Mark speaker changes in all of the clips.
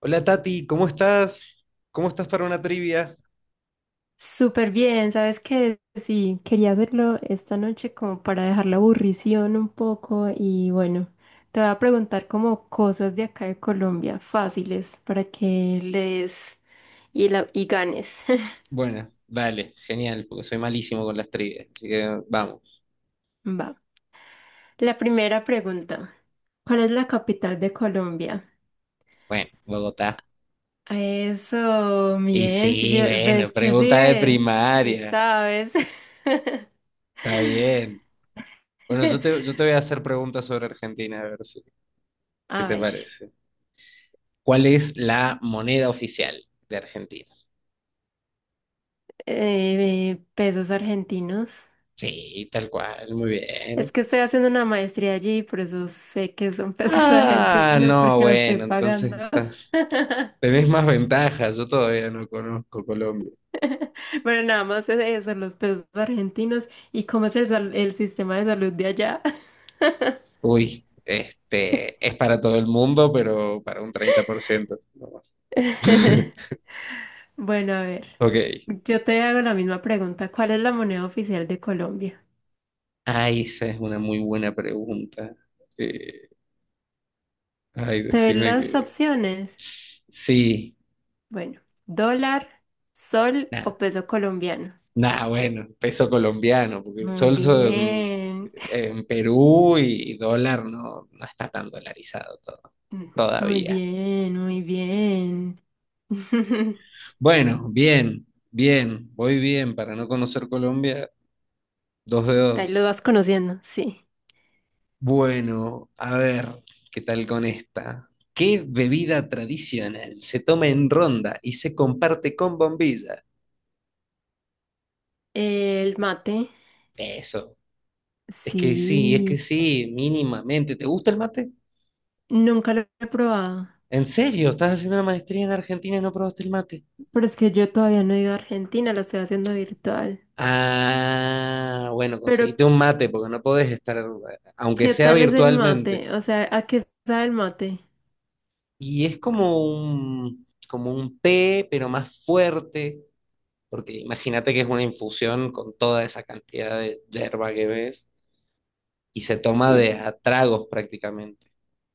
Speaker 1: Hola Tati, ¿cómo estás? ¿Cómo estás para una trivia?
Speaker 2: Súper bien, ¿sabes qué? Sí, quería hacerlo esta noche como para dejar la aburrición un poco y bueno, te voy a preguntar como cosas de acá de Colombia fáciles para que lees y ganes.
Speaker 1: Bueno, vale, genial, porque soy malísimo con las trivias, así que vamos.
Speaker 2: Va. La primera pregunta. ¿Cuál es la capital de Colombia?
Speaker 1: Bueno, Bogotá.
Speaker 2: Eso,
Speaker 1: Y
Speaker 2: bien, sí,
Speaker 1: sí, bueno,
Speaker 2: ves que sí
Speaker 1: pregunta de
Speaker 2: ves, sí
Speaker 1: primaria,
Speaker 2: sabes.
Speaker 1: está bien. Bueno, yo te, yo te voy a hacer preguntas sobre Argentina, a ver si, si
Speaker 2: A
Speaker 1: te
Speaker 2: ver,
Speaker 1: parece. ¿Cuál es la moneda oficial de Argentina?
Speaker 2: pesos argentinos.
Speaker 1: Sí, tal cual, muy
Speaker 2: Es
Speaker 1: bien.
Speaker 2: que estoy haciendo una maestría allí, y por eso sé que son pesos
Speaker 1: Ah,
Speaker 2: argentinos,
Speaker 1: no,
Speaker 2: porque los estoy
Speaker 1: bueno, entonces
Speaker 2: pagando.
Speaker 1: estás, tenés más ventajas, yo todavía no conozco Colombia.
Speaker 2: Pero nada más es eso, los pesos argentinos y cómo es el sistema de salud de allá.
Speaker 1: Uy, este, es para todo el mundo, pero para un 30%. No.
Speaker 2: Bueno, a ver,
Speaker 1: Ok.
Speaker 2: yo te hago la misma pregunta. ¿Cuál es la moneda oficial de Colombia?
Speaker 1: Ay, esa es una muy buena pregunta. Eh, Ay,
Speaker 2: ¿Te doy
Speaker 1: decime
Speaker 2: las
Speaker 1: que...
Speaker 2: opciones?
Speaker 1: Sí,
Speaker 2: Bueno, dólar, sol
Speaker 1: nada.
Speaker 2: o peso colombiano.
Speaker 1: Nada, bueno, peso colombiano, porque el
Speaker 2: Muy
Speaker 1: sol son-
Speaker 2: bien,
Speaker 1: en Perú y dólar no, no está tan dolarizado todo,
Speaker 2: muy
Speaker 1: todavía.
Speaker 2: bien, muy bien.
Speaker 1: Bueno, bien, bien, voy bien. Para no conocer Colombia, dos de
Speaker 2: Ahí lo
Speaker 1: dos.
Speaker 2: vas conociendo, sí.
Speaker 1: Bueno, a ver, ¿qué tal con esta? ¿Qué bebida tradicional se toma en ronda y se comparte con bombilla?
Speaker 2: El mate,
Speaker 1: Eso. Es que
Speaker 2: sí.
Speaker 1: sí, mínimamente. ¿Te gusta el mate?
Speaker 2: Nunca lo he probado,
Speaker 1: ¿En serio? ¿Estás haciendo una maestría en Argentina y no probaste el mate?
Speaker 2: pero es que yo todavía no he ido a Argentina, lo estoy haciendo virtual.
Speaker 1: Ah, bueno,
Speaker 2: Pero,
Speaker 1: conseguiste un mate porque no podés estar, aunque
Speaker 2: ¿qué
Speaker 1: sea
Speaker 2: tal es el
Speaker 1: virtualmente.
Speaker 2: mate? O sea, ¿a qué sabe el mate?
Speaker 1: Y es como como un té, pero más fuerte, porque imagínate que es una infusión con toda esa cantidad de yerba que ves y se toma
Speaker 2: Y,
Speaker 1: de a tragos prácticamente.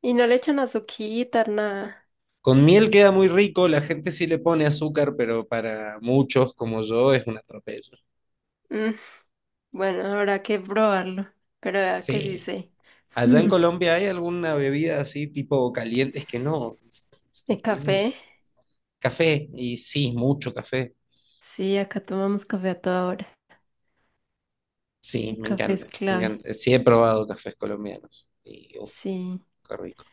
Speaker 2: y no le echan azuquita, nada.
Speaker 1: Con miel queda muy rico, la gente sí le pone azúcar, pero para muchos como yo es un atropello.
Speaker 2: Mm, bueno, habrá que probarlo, pero vea que sí
Speaker 1: Sí.
Speaker 2: sé.
Speaker 1: Allá en Colombia hay alguna bebida así tipo caliente, es que no.
Speaker 2: ¿El
Speaker 1: Mm,
Speaker 2: café?
Speaker 1: Café, y sí, mucho café.
Speaker 2: Sí, acá tomamos café a toda hora.
Speaker 1: Sí,
Speaker 2: El
Speaker 1: me
Speaker 2: café es
Speaker 1: encanta, me
Speaker 2: clave.
Speaker 1: encanta. Sí he probado cafés colombianos. Y uff,
Speaker 2: Sí.
Speaker 1: qué rico.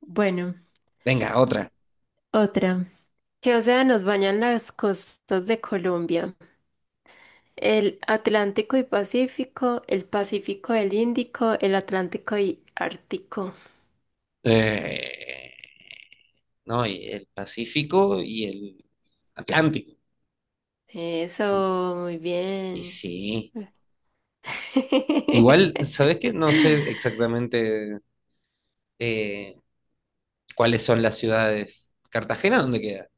Speaker 2: Bueno,
Speaker 1: Venga, otra.
Speaker 2: otra. ¿Qué océanos bañan las costas de Colombia? El Atlántico y Pacífico, el Índico, el Atlántico y Ártico.
Speaker 1: Eh, No, y el Pacífico y el Atlántico.
Speaker 2: Eso, muy
Speaker 1: Y
Speaker 2: bien.
Speaker 1: sí. Igual, ¿sabes qué? No sé exactamente eh, cuáles son las ciudades. ¿Cartagena dónde queda?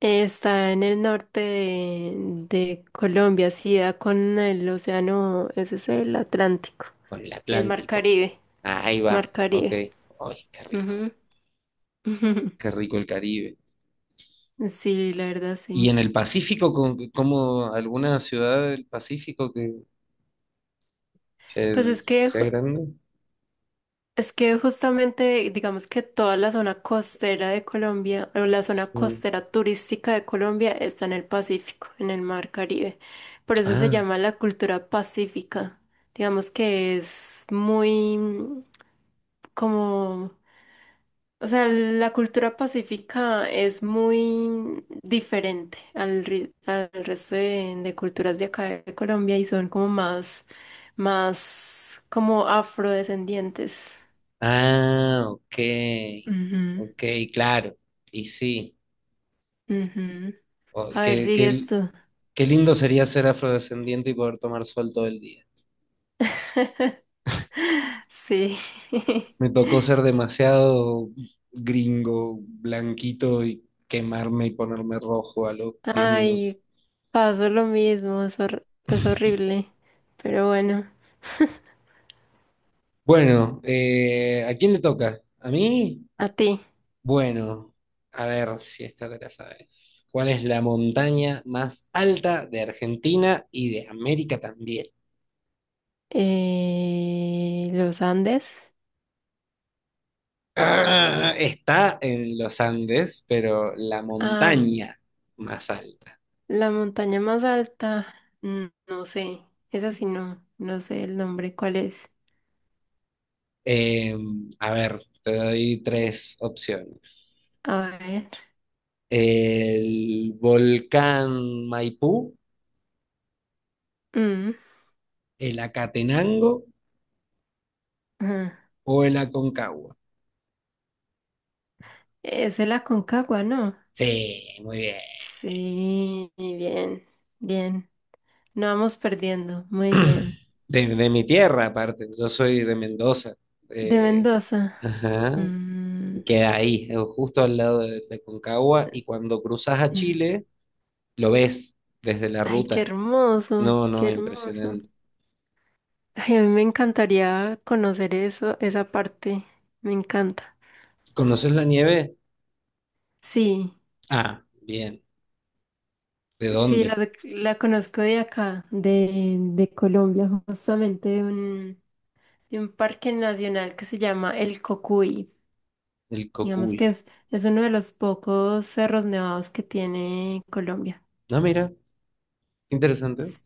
Speaker 2: Está en el norte de Colombia, sí, da con el océano, ese es el Atlántico,
Speaker 1: Con el
Speaker 2: el Mar
Speaker 1: Atlántico.
Speaker 2: Caribe,
Speaker 1: Ah, ahí va,
Speaker 2: Mar
Speaker 1: ok.
Speaker 2: Caribe.
Speaker 1: Ay, qué rico.
Speaker 2: Ujú.
Speaker 1: Qué rico el Caribe.
Speaker 2: Sí, la verdad,
Speaker 1: ¿Y
Speaker 2: sí.
Speaker 1: en el Pacífico, con, como alguna ciudad del Pacífico
Speaker 2: Pues
Speaker 1: que
Speaker 2: es que
Speaker 1: sea
Speaker 2: ju-
Speaker 1: grande?
Speaker 2: Es que justamente, digamos que toda la zona costera de Colombia, o la zona
Speaker 1: No.
Speaker 2: costera turística de Colombia está en el Pacífico, en el Mar Caribe. Por eso se
Speaker 1: Ah,
Speaker 2: llama la cultura pacífica. Digamos que es muy como, o sea, la cultura pacífica es muy diferente al resto de culturas de acá de Colombia y son como más, más como afrodescendientes.
Speaker 1: ah, ok.
Speaker 2: Ujú.
Speaker 1: Ok, claro. Y sí.
Speaker 2: Ujú.
Speaker 1: Oh,
Speaker 2: A ver,
Speaker 1: qué,
Speaker 2: sigues
Speaker 1: qué
Speaker 2: tú.
Speaker 1: qué lindo sería ser afrodescendiente y poder tomar sol todo el día.
Speaker 2: Sí.
Speaker 1: Me tocó ser demasiado gringo, blanquito y quemarme y ponerme rojo a los 10 minutos.
Speaker 2: Ay, pasó lo mismo, es horrible. Pero bueno,
Speaker 1: Bueno, ¿a quién le toca? ¿A mí?
Speaker 2: a ti.
Speaker 1: Bueno, a ver si esta te la sabes. ¿Cuál es la montaña más alta de Argentina y de América también?
Speaker 2: Los Andes.
Speaker 1: Ah, está en los Andes, pero la
Speaker 2: Ah,
Speaker 1: montaña más alta.
Speaker 2: la montaña más alta. Mm, no sé. Esa sí no. No sé el nombre. ¿Cuál es?
Speaker 1: Eh, a ver, te doy tres opciones.
Speaker 2: A ver.
Speaker 1: El volcán Maipú,
Speaker 2: Mm,
Speaker 1: el Acatenango
Speaker 2: ajá.
Speaker 1: o el Aconcagua.
Speaker 2: Es el Aconcagua, ¿no?
Speaker 1: Sí, muy bien.
Speaker 2: Sí, bien. Bien. No vamos perdiendo. Muy bien.
Speaker 1: De mi tierra, aparte. Yo soy de Mendoza.
Speaker 2: De
Speaker 1: Eh,
Speaker 2: Mendoza.
Speaker 1: ajá.
Speaker 2: Mm,
Speaker 1: Queda ahí, justo al lado de Aconcagua. Y cuando cruzas a
Speaker 2: mm.
Speaker 1: Chile, lo ves desde la
Speaker 2: Ay, qué
Speaker 1: ruta.
Speaker 2: hermoso,
Speaker 1: No,
Speaker 2: qué
Speaker 1: no,
Speaker 2: hermoso.
Speaker 1: impresionante.
Speaker 2: Ay, a mí me encantaría conocer eso, esa parte. Me encanta.
Speaker 1: ¿Conoces la nieve?
Speaker 2: Sí,
Speaker 1: Ah, bien. ¿De
Speaker 2: sí,
Speaker 1: dónde?
Speaker 2: la conozco de acá, de Colombia, justamente de un parque nacional que se llama El Cocuy.
Speaker 1: El
Speaker 2: Digamos que
Speaker 1: Cocuy.
Speaker 2: es uno de los pocos cerros nevados que tiene Colombia.
Speaker 1: No, mira, qué interesante.
Speaker 2: Sí,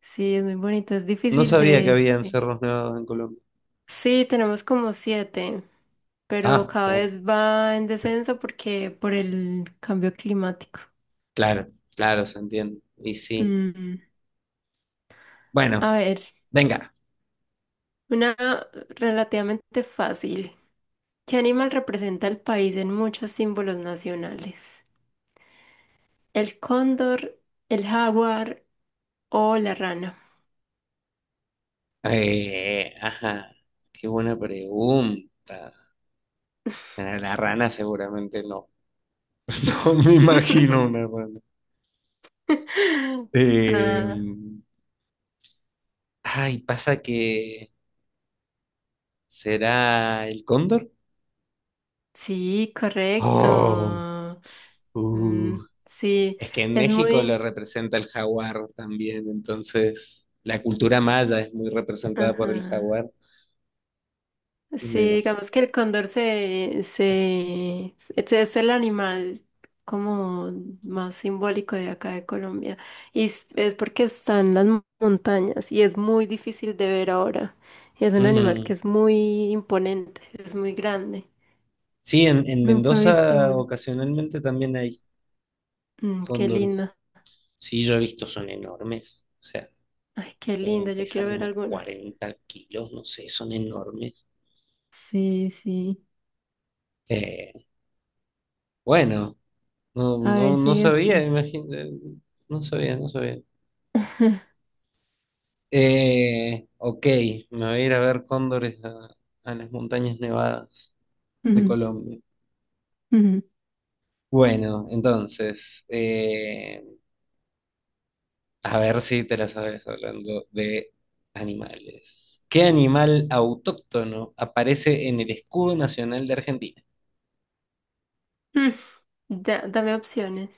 Speaker 2: sí, es muy bonito, es
Speaker 1: No
Speaker 2: difícil
Speaker 1: sabía que
Speaker 2: de...
Speaker 1: había cerros nevados en Colombia.
Speaker 2: Sí, tenemos como siete, pero
Speaker 1: Ah,
Speaker 2: cada
Speaker 1: oh,
Speaker 2: vez va en descenso porque por el cambio climático.
Speaker 1: claro, claro, se entiende. Y sí.
Speaker 2: Mm,
Speaker 1: Bueno,
Speaker 2: a ver,
Speaker 1: venga.
Speaker 2: una relativamente fácil. ¿Qué animal representa el país en muchos símbolos nacionales? ¿El cóndor, el jaguar o la rana?
Speaker 1: Ajá, qué buena pregunta. Bueno, la rana seguramente no. No me imagino una rana. Eh,
Speaker 2: Ah,
Speaker 1: Ay, pasa que será el cóndor.
Speaker 2: sí,
Speaker 1: Oh,
Speaker 2: correcto. Mm,
Speaker 1: uh.
Speaker 2: sí,
Speaker 1: Es que en
Speaker 2: es
Speaker 1: México lo
Speaker 2: muy...
Speaker 1: representa el jaguar también, entonces la cultura maya es muy representada por el
Speaker 2: Ajá.
Speaker 1: jaguar,
Speaker 2: Sí,
Speaker 1: me imagino.
Speaker 2: digamos que el cóndor este es el animal como más simbólico de acá de Colombia. Y es porque está en las montañas y es muy difícil de ver ahora. Y es un animal que
Speaker 1: Mm.
Speaker 2: es muy imponente, es muy grande.
Speaker 1: Sí, en
Speaker 2: Nunca he visto
Speaker 1: Mendoza
Speaker 2: uno.
Speaker 1: ocasionalmente también hay
Speaker 2: Mm, qué
Speaker 1: cóndores.
Speaker 2: lindo.
Speaker 1: Sí, yo he visto, son enormes. O sea,
Speaker 2: Ay, qué lindo. Yo
Speaker 1: pesan
Speaker 2: quiero ver
Speaker 1: como
Speaker 2: alguno.
Speaker 1: 40 kilos, no sé, son enormes.
Speaker 2: Sí, sí.
Speaker 1: Eh, bueno,
Speaker 2: A ver,
Speaker 1: no
Speaker 2: sigue
Speaker 1: sabía,
Speaker 2: esto.
Speaker 1: imagínate, no sabía. Ok, me voy a ir a ver cóndores a las montañas nevadas de
Speaker 2: Mm,
Speaker 1: Colombia.
Speaker 2: mm.
Speaker 1: Bueno, entonces, a ver si te la sabes hablando de animales. ¿Qué animal autóctono aparece en el escudo nacional de Argentina?
Speaker 2: Mm, dame opciones.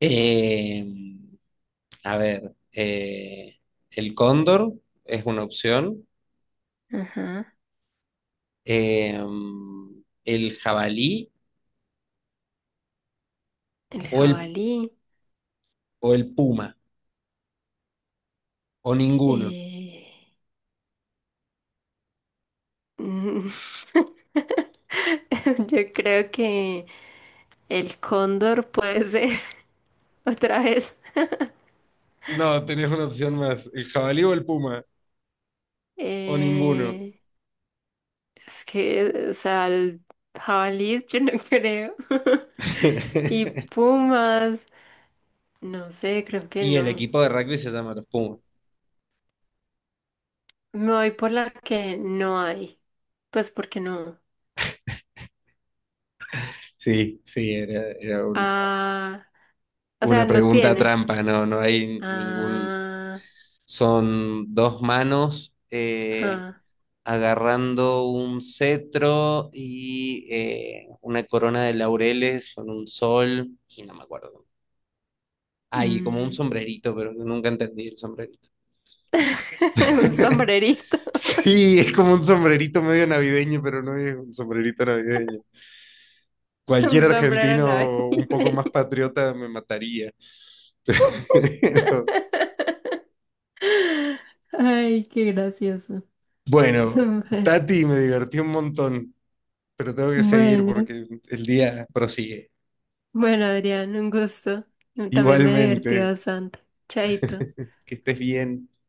Speaker 1: Eh, a ver, el cóndor es una opción,
Speaker 2: Ajá.
Speaker 1: eh, el jabalí
Speaker 2: El
Speaker 1: o el,
Speaker 2: jabalí.
Speaker 1: o el puma, o ninguno.
Speaker 2: Eh, mm, yo creo que el cóndor puede ser otra vez.
Speaker 1: No, tenés una opción más, el jabalí o el puma, o ninguno.
Speaker 2: Eh, es que, o sea, el jabalí yo no creo. Y pumas, no sé, creo que
Speaker 1: Y el
Speaker 2: no.
Speaker 1: equipo de rugby se llama los Pumas.
Speaker 2: Me voy por la que no hay. Pues porque no.
Speaker 1: Sí, sí,
Speaker 2: Ah, o sea,
Speaker 1: una
Speaker 2: no
Speaker 1: pregunta
Speaker 2: tiene.
Speaker 1: trampa, no, no hay ningún...
Speaker 2: Ah,
Speaker 1: Son dos manos
Speaker 2: ah,
Speaker 1: agarrando un cetro y una corona de laureles con un sol y no me acuerdo. Hay como un
Speaker 2: mm.
Speaker 1: sombrerito, pero nunca entendí el sombrerito.
Speaker 2: Un sombrerito,
Speaker 1: Sí, es como un sombrerito medio navideño, pero no es un sombrerito navideño. Cualquier
Speaker 2: un sombrero navideño.
Speaker 1: argentino un poco más patriota me mataría. Pero,
Speaker 2: Ay, qué gracioso.
Speaker 1: bueno,
Speaker 2: Súper.
Speaker 1: Tati, me divertí un montón, pero tengo que seguir
Speaker 2: Bueno,
Speaker 1: porque el día prosigue.
Speaker 2: bueno, Adrián, un gusto. También me divertí
Speaker 1: Igualmente,
Speaker 2: bastante. Chaito.
Speaker 1: que estés bien.